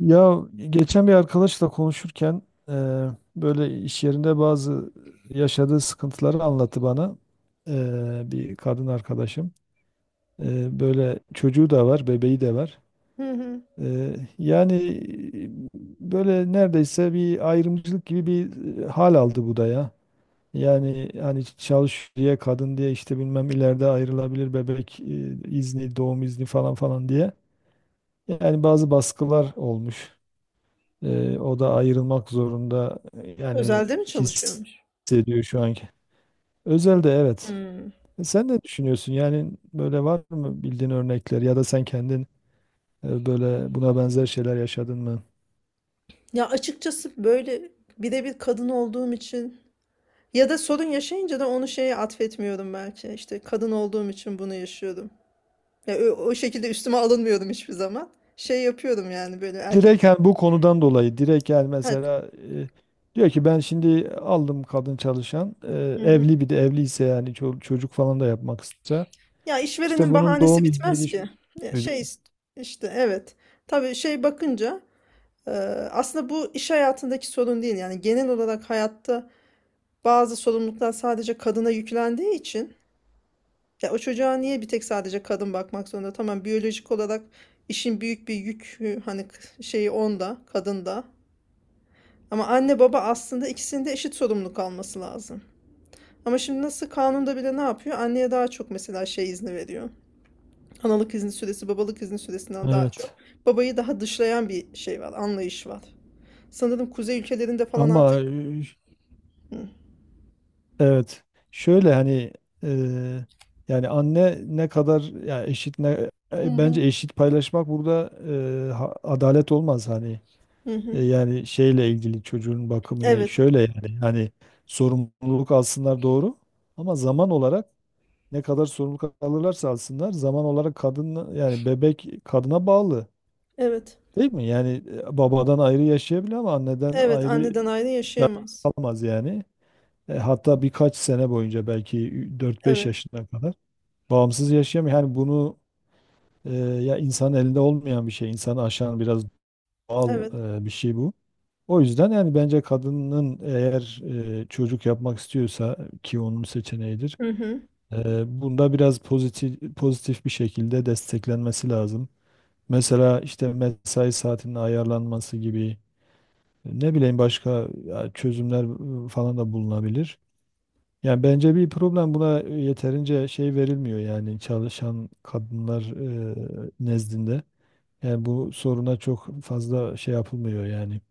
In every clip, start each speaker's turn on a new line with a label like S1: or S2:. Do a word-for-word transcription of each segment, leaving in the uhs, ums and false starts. S1: Ya geçen bir arkadaşla konuşurken eee, böyle iş yerinde bazı yaşadığı sıkıntıları anlattı bana. Eee, bir kadın arkadaşım. Eee, böyle çocuğu da var, bebeği de var.
S2: Hı hı.
S1: Eee, yani böyle neredeyse bir ayrımcılık gibi bir e, hal aldı bu da ya. Yani hani çalış diye, kadın diye, işte bilmem ileride ayrılabilir, bebek e, izni, doğum izni falan falan diye. Yani bazı baskılar olmuş. Ee, o da ayrılmak zorunda yani
S2: Özelde mi çalışıyormuş?
S1: hissediyor şu anki. Özel de evet.
S2: Hımm.
S1: E, Sen ne düşünüyorsun? Yani böyle var mı bildiğin örnekler, ya da sen kendin e, böyle buna benzer şeyler yaşadın mı?
S2: Ya, açıkçası, böyle, bir de bir kadın olduğum için ya da sorun yaşayınca da onu şeye atfetmiyorum belki. İşte, kadın olduğum için bunu yaşıyordum. Ya, ö o şekilde üstüme alınmıyordum hiçbir zaman. Şey yapıyorum, yani, böyle, erkek.
S1: Direkt yani bu konudan dolayı direkt, yani
S2: Ha.
S1: mesela e, diyor ki ben şimdi aldım kadın çalışan, e,
S2: Hı hı.
S1: evli, bir de evliyse yani ço- çocuk falan da yapmak istiyorsa
S2: Ya,
S1: işte
S2: işverenin
S1: bunun
S2: bahanesi
S1: doğum izniydi,
S2: bitmez ki. Ya,
S1: şuydu.
S2: şey ist işte, evet. Tabii, şey bakınca, eee, aslında bu iş hayatındaki sorun değil, yani, genel olarak hayatta bazı sorumluluklar sadece kadına yüklendiği için. Ya o çocuğa niye bir tek sadece kadın bakmak zorunda? Tamam, biyolojik olarak işin büyük bir yükü hani k- şeyi onda, kadında. Ama anne baba aslında ikisinin de eşit sorumluluk alması lazım. Ama şimdi nasıl kanunda bile ne yapıyor? Anneye daha çok mesela şey izni veriyor. Analık izni süresi, babalık izni süresinden daha çok.
S1: Evet.
S2: Babayı daha dışlayan bir şey var, anlayış var. Sanırım kuzey ülkelerinde falan
S1: Ama
S2: artık... Hı.
S1: evet. Şöyle hani eee, yani anne ne kadar ya eşit ne,
S2: Hı
S1: e, bence
S2: hı.
S1: eşit paylaşmak burada eee, ha- adalet olmaz hani.
S2: Hı hı.
S1: E, yani şeyle ilgili, çocuğun bakımıyla
S2: Evet,
S1: şöyle yani hani, sorumluluk alsınlar doğru, ama zaman olarak, ne kadar sorumluluk alırlarsa alsınlar, zaman olarak kadın, yani bebek kadına bağlı,
S2: evet.
S1: değil mi? Yani e, babadan ayrı yaşayabilir ama anneden
S2: Evet,
S1: ayrı
S2: anneden ayrı yaşayamaz.
S1: kalamaz yani. E, hatta birkaç sene boyunca, belki dört beş
S2: Evet,
S1: yaşına kadar bağımsız yaşayamıyor. Yani bunu e, ya, insanın elinde olmayan bir şey, insanı aşan biraz doğal
S2: evet.
S1: e, bir şey bu. O yüzden yani, bence kadının eğer e, çocuk yapmak istiyorsa, ki onun seçeneğidir,
S2: Hı hı.
S1: e, bunda biraz pozitif pozitif bir şekilde desteklenmesi lazım. Mesela işte mesai saatinin ayarlanması gibi, ne bileyim başka ya, çözümler e, falan da bulunabilir. Yani bence bir problem, buna e, yeterince şey verilmiyor yani, çalışan kadınlar e, nezdinde. Yani bu soruna çok fazla şey yapılmıyor yani.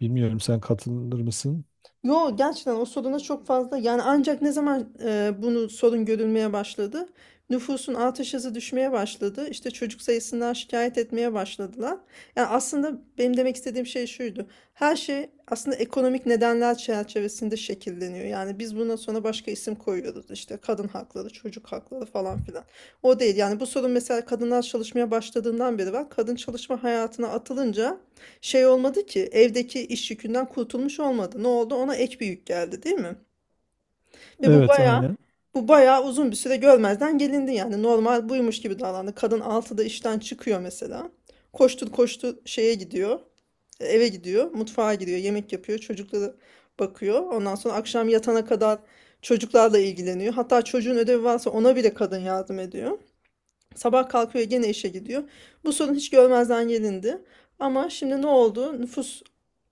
S1: Bilmiyorum, sen katılır mısın?
S2: Yo, gerçekten o soruna çok fazla, yani ancak ne zaman e, bunu sorun görülmeye başladı? Nüfusun artış hızı düşmeye başladı. İşte çocuk sayısından şikayet etmeye başladılar. Yani aslında benim demek istediğim şey şuydu. Her şey aslında ekonomik nedenler çerçevesinde şekilleniyor. Yani biz bundan sonra başka isim koyuyoruz. İşte kadın hakları, çocuk hakları falan filan. O değil. Yani bu sorun mesela kadınlar çalışmaya başladığından beri var. Kadın çalışma hayatına atılınca şey olmadı ki, evdeki iş yükünden kurtulmuş olmadı. Ne oldu? Ona ek bir yük geldi, değil mi? Ve bu
S1: Evet
S2: bayağı
S1: aynen.
S2: bu bayağı uzun bir süre görmezden gelindi, yani normal buymuş gibi davrandı. Kadın altıda işten çıkıyor mesela. Koştur koştur şeye gidiyor. Eve gidiyor, mutfağa giriyor, yemek yapıyor, çocuklara bakıyor. Ondan sonra akşam yatana kadar çocuklarla ilgileniyor. Hatta çocuğun ödevi varsa ona bile kadın yardım ediyor. Sabah kalkıyor gene işe gidiyor. Bu sorun hiç görmezden gelindi. Ama şimdi ne oldu? Nüfus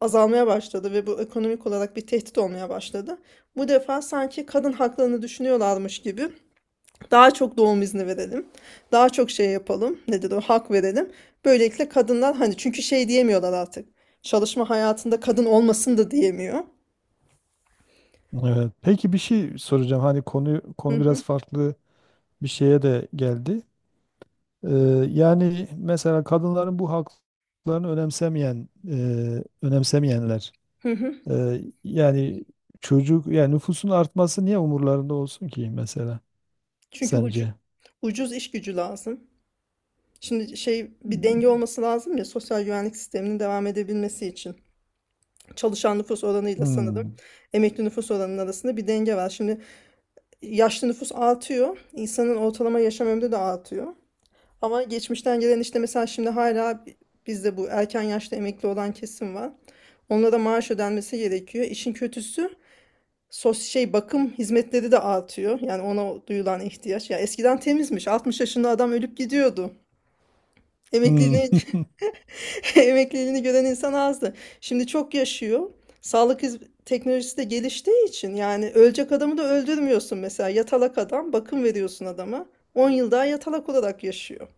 S2: azalmaya başladı ve bu ekonomik olarak bir tehdit olmaya başladı. Bu defa sanki kadın haklarını düşünüyorlarmış gibi daha çok doğum izni verelim. Daha çok şey yapalım. Nedir o? Hak verelim. Böylelikle kadınlar hani çünkü şey diyemiyorlar artık. Çalışma hayatında kadın olmasın da diyemiyor.
S1: Evet. Peki bir şey soracağım. Hani konu
S2: Hı
S1: konu
S2: hı,
S1: biraz farklı bir şeye de geldi. Ee, yani mesela kadınların bu haklarını önemsemeyen, e, önemsemeyenler,
S2: hı hı.
S1: e, yani çocuk, yani nüfusun artması niye umurlarında olsun ki mesela?
S2: Çünkü ucu,
S1: sence?
S2: ucuz iş gücü lazım. Şimdi şey, bir denge olması lazım ya sosyal güvenlik sisteminin devam edebilmesi için. Çalışan nüfus oranıyla
S1: Hmm.
S2: sanırım emekli nüfus oranının arasında bir denge var. Şimdi yaşlı nüfus artıyor. İnsanın ortalama yaşam ömrü de artıyor. Ama geçmişten gelen işte mesela şimdi hala bizde bu erken yaşta emekli olan kesim var. Onlara maaş ödenmesi gerekiyor. İşin kötüsü sos şey bakım hizmetleri de artıyor. Yani ona duyulan ihtiyaç. Ya eskiden temizmiş. altmış yaşında adam ölüp gidiyordu.
S1: Hmm.
S2: Emekliliğine Emekliliğini gören insan azdı. Şimdi çok yaşıyor. Sağlık hizm- teknolojisi de geliştiği için yani ölecek adamı da öldürmüyorsun mesela. Yatalak adam, bakım veriyorsun adama. On yıl daha yatalak olarak yaşıyor.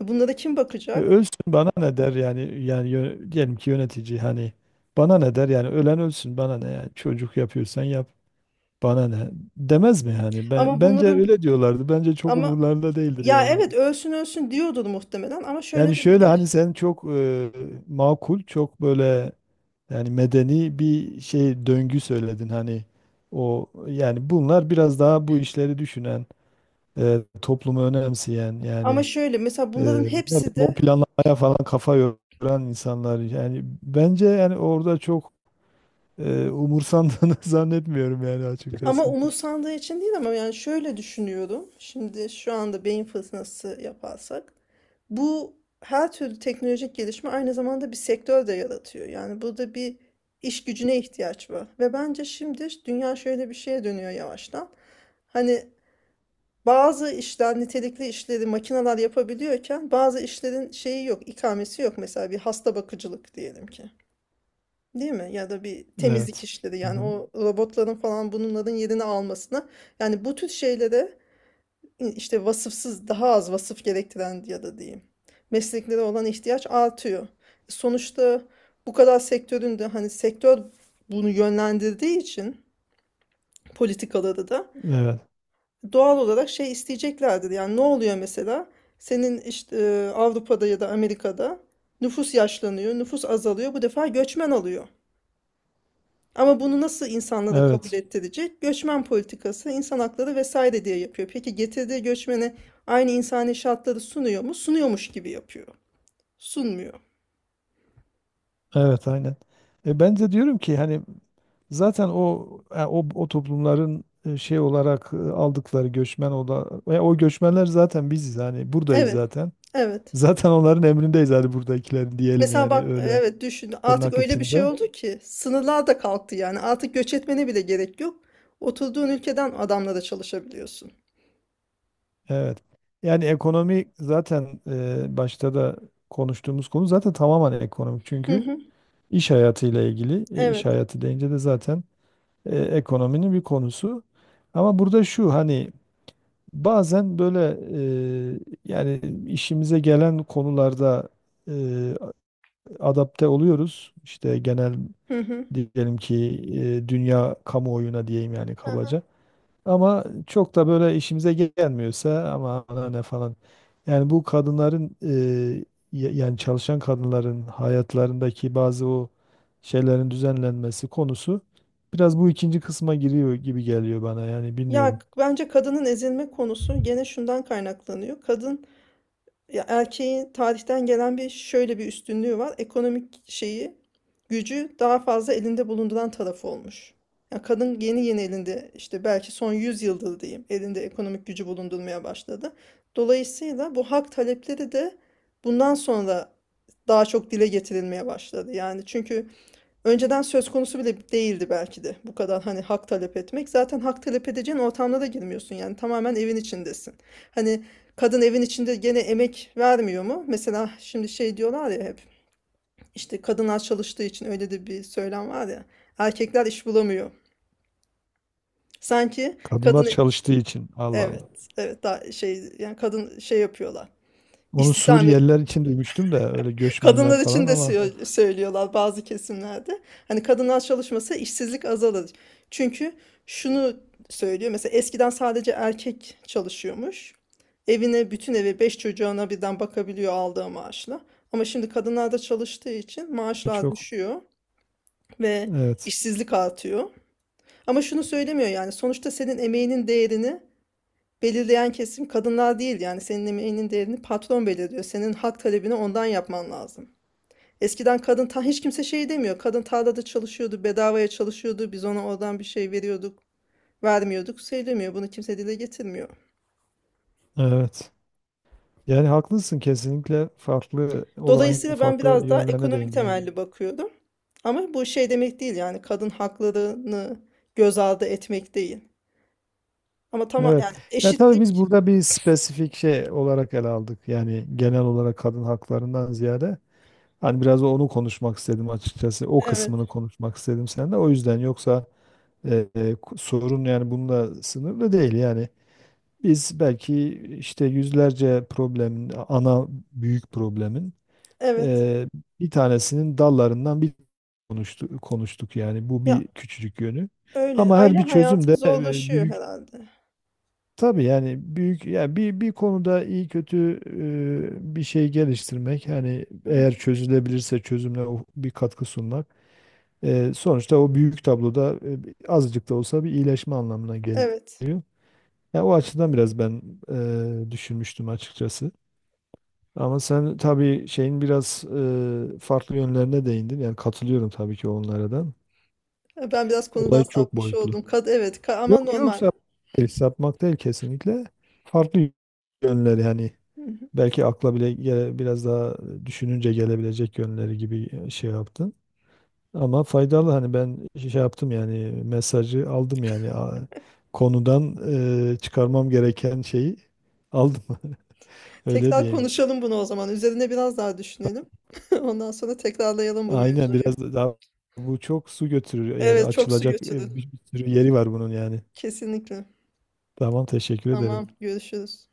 S2: Bunlara kim
S1: E,
S2: bakacak?
S1: Ölsün bana ne, der yani yani yö- diyelim ki yönetici, hani bana ne der yani, ölen ölsün bana ne, yani çocuk yapıyorsan yap, bana ne, demez mi yani?
S2: Ama
S1: Ben bence
S2: bunların,
S1: öyle diyorlardı, bence çok
S2: ama
S1: umurlarında değildir
S2: ya
S1: yani.
S2: evet ölsün ölsün diyordur muhtemelen, ama
S1: Yani
S2: şöyle de bir,
S1: şöyle hani, sen çok e, makul, çok böyle yani medeni bir şey döngü söyledin hani. O yani, bunlar biraz daha bu işleri düşünen, e, toplumu önemseyen
S2: ama
S1: yani.
S2: şöyle mesela
S1: Ee,
S2: bunların
S1: ne bileyim,
S2: hepsi
S1: o
S2: de.
S1: planlamaya falan kafa yoran insanlar yani, bence yani orada çok e, umursandığını zannetmiyorum yani,
S2: Ama
S1: açıkçası.
S2: umursandığı için değil, ama yani şöyle düşünüyorum. Şimdi şu anda beyin fırtınası yaparsak bu her türlü teknolojik gelişme aynı zamanda bir sektör de yaratıyor. Yani burada bir iş gücüne ihtiyaç var. Ve bence şimdi dünya şöyle bir şeye dönüyor yavaştan. Hani bazı işler, nitelikli işleri makineler yapabiliyorken bazı işlerin şeyi yok, ikamesi yok. Mesela bir hasta bakıcılık diyelim ki. Değil mi? Ya da bir temizlik
S1: Evet.
S2: işleri,
S1: Hı
S2: yani
S1: hı.
S2: o robotların falan bunların yerini almasına. Yani bu tür şeylere işte vasıfsız, daha az vasıf gerektiren ya da diyeyim mesleklere olan ihtiyaç artıyor. Sonuçta bu kadar sektörün de hani sektör bunu yönlendirdiği için politikaları da
S1: Evet.
S2: doğal olarak şey isteyeceklerdir. Yani ne oluyor mesela? Senin işte e, Avrupa'da ya da Amerika'da nüfus yaşlanıyor, nüfus azalıyor. Bu defa göçmen alıyor. Ama bunu nasıl insanlara da kabul
S1: Evet.
S2: ettirecek? Göçmen politikası, insan hakları vesaire diye yapıyor. Peki getirdiği göçmene aynı insani şartları sunuyor mu? Sunuyormuş gibi yapıyor. Sunmuyor.
S1: Evet aynen. E, ben de diyorum ki hani, zaten o yani o, o toplumların e, şey olarak e, aldıkları göçmen, o da e, o göçmenler zaten biziz, hani buradayız
S2: Evet,
S1: zaten.
S2: evet.
S1: Zaten onların emrindeyiz, hani buradakilerin diyelim
S2: Mesela
S1: yani,
S2: bak,
S1: öyle
S2: evet düşün. Artık
S1: tırnak
S2: öyle bir şey
S1: içinde.
S2: oldu ki sınırlar da kalktı yani. Artık göç etmene bile gerek yok. Oturduğun ülkeden adamla da çalışabiliyorsun.
S1: Evet. Yani ekonomi zaten e, başta da konuştuğumuz konu zaten tamamen ekonomik.
S2: Hı
S1: Çünkü
S2: hı.
S1: iş hayatıyla ilgili, e, iş
S2: Evet.
S1: hayatı deyince de zaten e, ekonominin bir konusu. Ama burada şu hani, bazen böyle e, yani işimize gelen konularda e, adapte oluyoruz. İşte genel,
S2: Hı hı.
S1: diyelim ki e, dünya kamuoyuna diyeyim yani,
S2: Aha.
S1: kabaca. Ama çok da böyle işimize gelmiyorsa, ama ana ne falan. Yani bu kadınların, e, ya- yani çalışan kadınların hayatlarındaki bazı o şeylerin düzenlenmesi konusu biraz bu ikinci kısma giriyor gibi geliyor bana. Yani
S2: Ya
S1: bilmiyorum.
S2: bence kadının ezilme konusu gene şundan kaynaklanıyor. Kadın. Ya erkeğin tarihten gelen bir şöyle bir üstünlüğü var. Ekonomik şeyi, gücü daha fazla elinde bulunduran tarafı olmuş. Ya kadın yeni yeni elinde, işte belki son yüz yıldır diyeyim, elinde ekonomik gücü bulundurmaya başladı. Dolayısıyla bu hak talepleri de bundan sonra daha çok dile getirilmeye başladı. Yani çünkü önceden söz konusu bile değildi belki de bu kadar hani hak talep etmek. Zaten hak talep edeceğin ortamda da girmiyorsun, yani tamamen evin içindesin. Hani kadın evin içinde gene emek vermiyor mu? Mesela şimdi şey diyorlar ya hep, işte kadınlar çalıştığı için, öyle de bir söylem var ya, erkekler iş bulamıyor. Sanki
S1: Kadınlar
S2: kadın,
S1: çalıştığı için. Allah
S2: evet
S1: Allah.
S2: evet, daha şey yani kadın şey yapıyorlar,
S1: Onu
S2: istihdam.
S1: Suriyeliler için duymuştum da, öyle göçmenler
S2: Kadınlar için
S1: falan
S2: de
S1: ama,
S2: sö- söylüyorlar bazı kesimlerde. Hani kadınlar çalışmasa işsizlik azalır. Çünkü şunu söylüyor. Mesela eskiden sadece erkek çalışıyormuş. Evine, bütün eve, beş çocuğuna birden bakabiliyor aldığı maaşla. Ama şimdi kadınlar da çalıştığı için maaşlar
S1: çok
S2: düşüyor ve
S1: evet.
S2: işsizlik artıyor. Ama şunu söylemiyor, yani sonuçta senin emeğinin değerini belirleyen kesim kadınlar değil. Yani senin emeğinin değerini patron belirliyor. Senin hak talebini ondan yapman lazım. Eskiden kadın, ta hiç kimse şey demiyor. Kadın tarlada çalışıyordu, bedavaya çalışıyordu. Biz ona oradan bir şey veriyorduk, vermiyorduk. Söylemiyor. Bunu kimse dile getirmiyor.
S1: Evet. Yani haklısın, kesinlikle farklı, olayın
S2: Dolayısıyla ben
S1: farklı
S2: biraz daha
S1: yönlerine
S2: ekonomik
S1: değindin.
S2: temelli bakıyorum. Ama bu şey demek değil, yani kadın haklarını göz ardı etmek değil. Ama tamam
S1: Evet.
S2: yani
S1: Ya tabii, biz
S2: eşitlik,
S1: burada bir spesifik şey olarak ele aldık. Yani genel olarak kadın haklarından ziyade hani, biraz onu konuşmak istedim açıkçası. O kısmını
S2: evet,
S1: konuşmak istedim seninle. O yüzden yoksa e, e, ku- sorun yani bununla sınırlı değil. Yani biz belki işte yüzlerce problemin, ana büyük problemin
S2: evet.
S1: e, bir tanesinin dallarından bir konuştuk, konuştuk yani, bu
S2: Ya
S1: bir küçücük yönü.
S2: öyle
S1: Ama her
S2: aile
S1: bir çözüm
S2: hayatı
S1: de e,
S2: zorlaşıyor
S1: büyük.
S2: herhalde.
S1: Tabii yani büyük yani, bir bir konuda iyi kötü e, bir şey geliştirmek hani,
S2: Hı.
S1: eğer çözülebilirse çözümle o- bir katkı sunmak e, sonuçta o büyük tabloda e, bir- azıcık da olsa bir iyileşme anlamına
S2: Evet.
S1: geliyor. Ya o açıdan biraz ben e, düşünmüştüm açıkçası. Ama sen tabii şeyin biraz e, farklı yönlerine değindin. Yani katılıyorum tabii ki onlara da.
S2: Ben biraz konudan
S1: Olay çok
S2: sapmış
S1: boyutlu.
S2: oldum. Kad evet, ka- ama
S1: Yok yok,
S2: normal.
S1: sapmak değil, sapmak değil kesinlikle. Farklı yönleri yani. Belki akla bile gele- biraz daha düşününce gelebilecek yönleri gibi şey yaptın. Ama faydalı hani, ben şey yaptım yani, mesajı aldım yani. A- konudan e, çıkarmam gereken şeyi aldım. Öyle
S2: Tekrar
S1: diyeyim.
S2: konuşalım bunu o zaman. Üzerine biraz daha düşünelim. Ondan sonra tekrarlayalım bu
S1: Aynen,
S2: mevzuyu.
S1: biraz da daha bu çok su götürür yani,
S2: Evet, çok su
S1: açılacak
S2: götürdün.
S1: e, bir bir sürü yeri var bunun yani.
S2: Kesinlikle.
S1: Tamam, teşekkür ederim.
S2: Tamam, görüşürüz.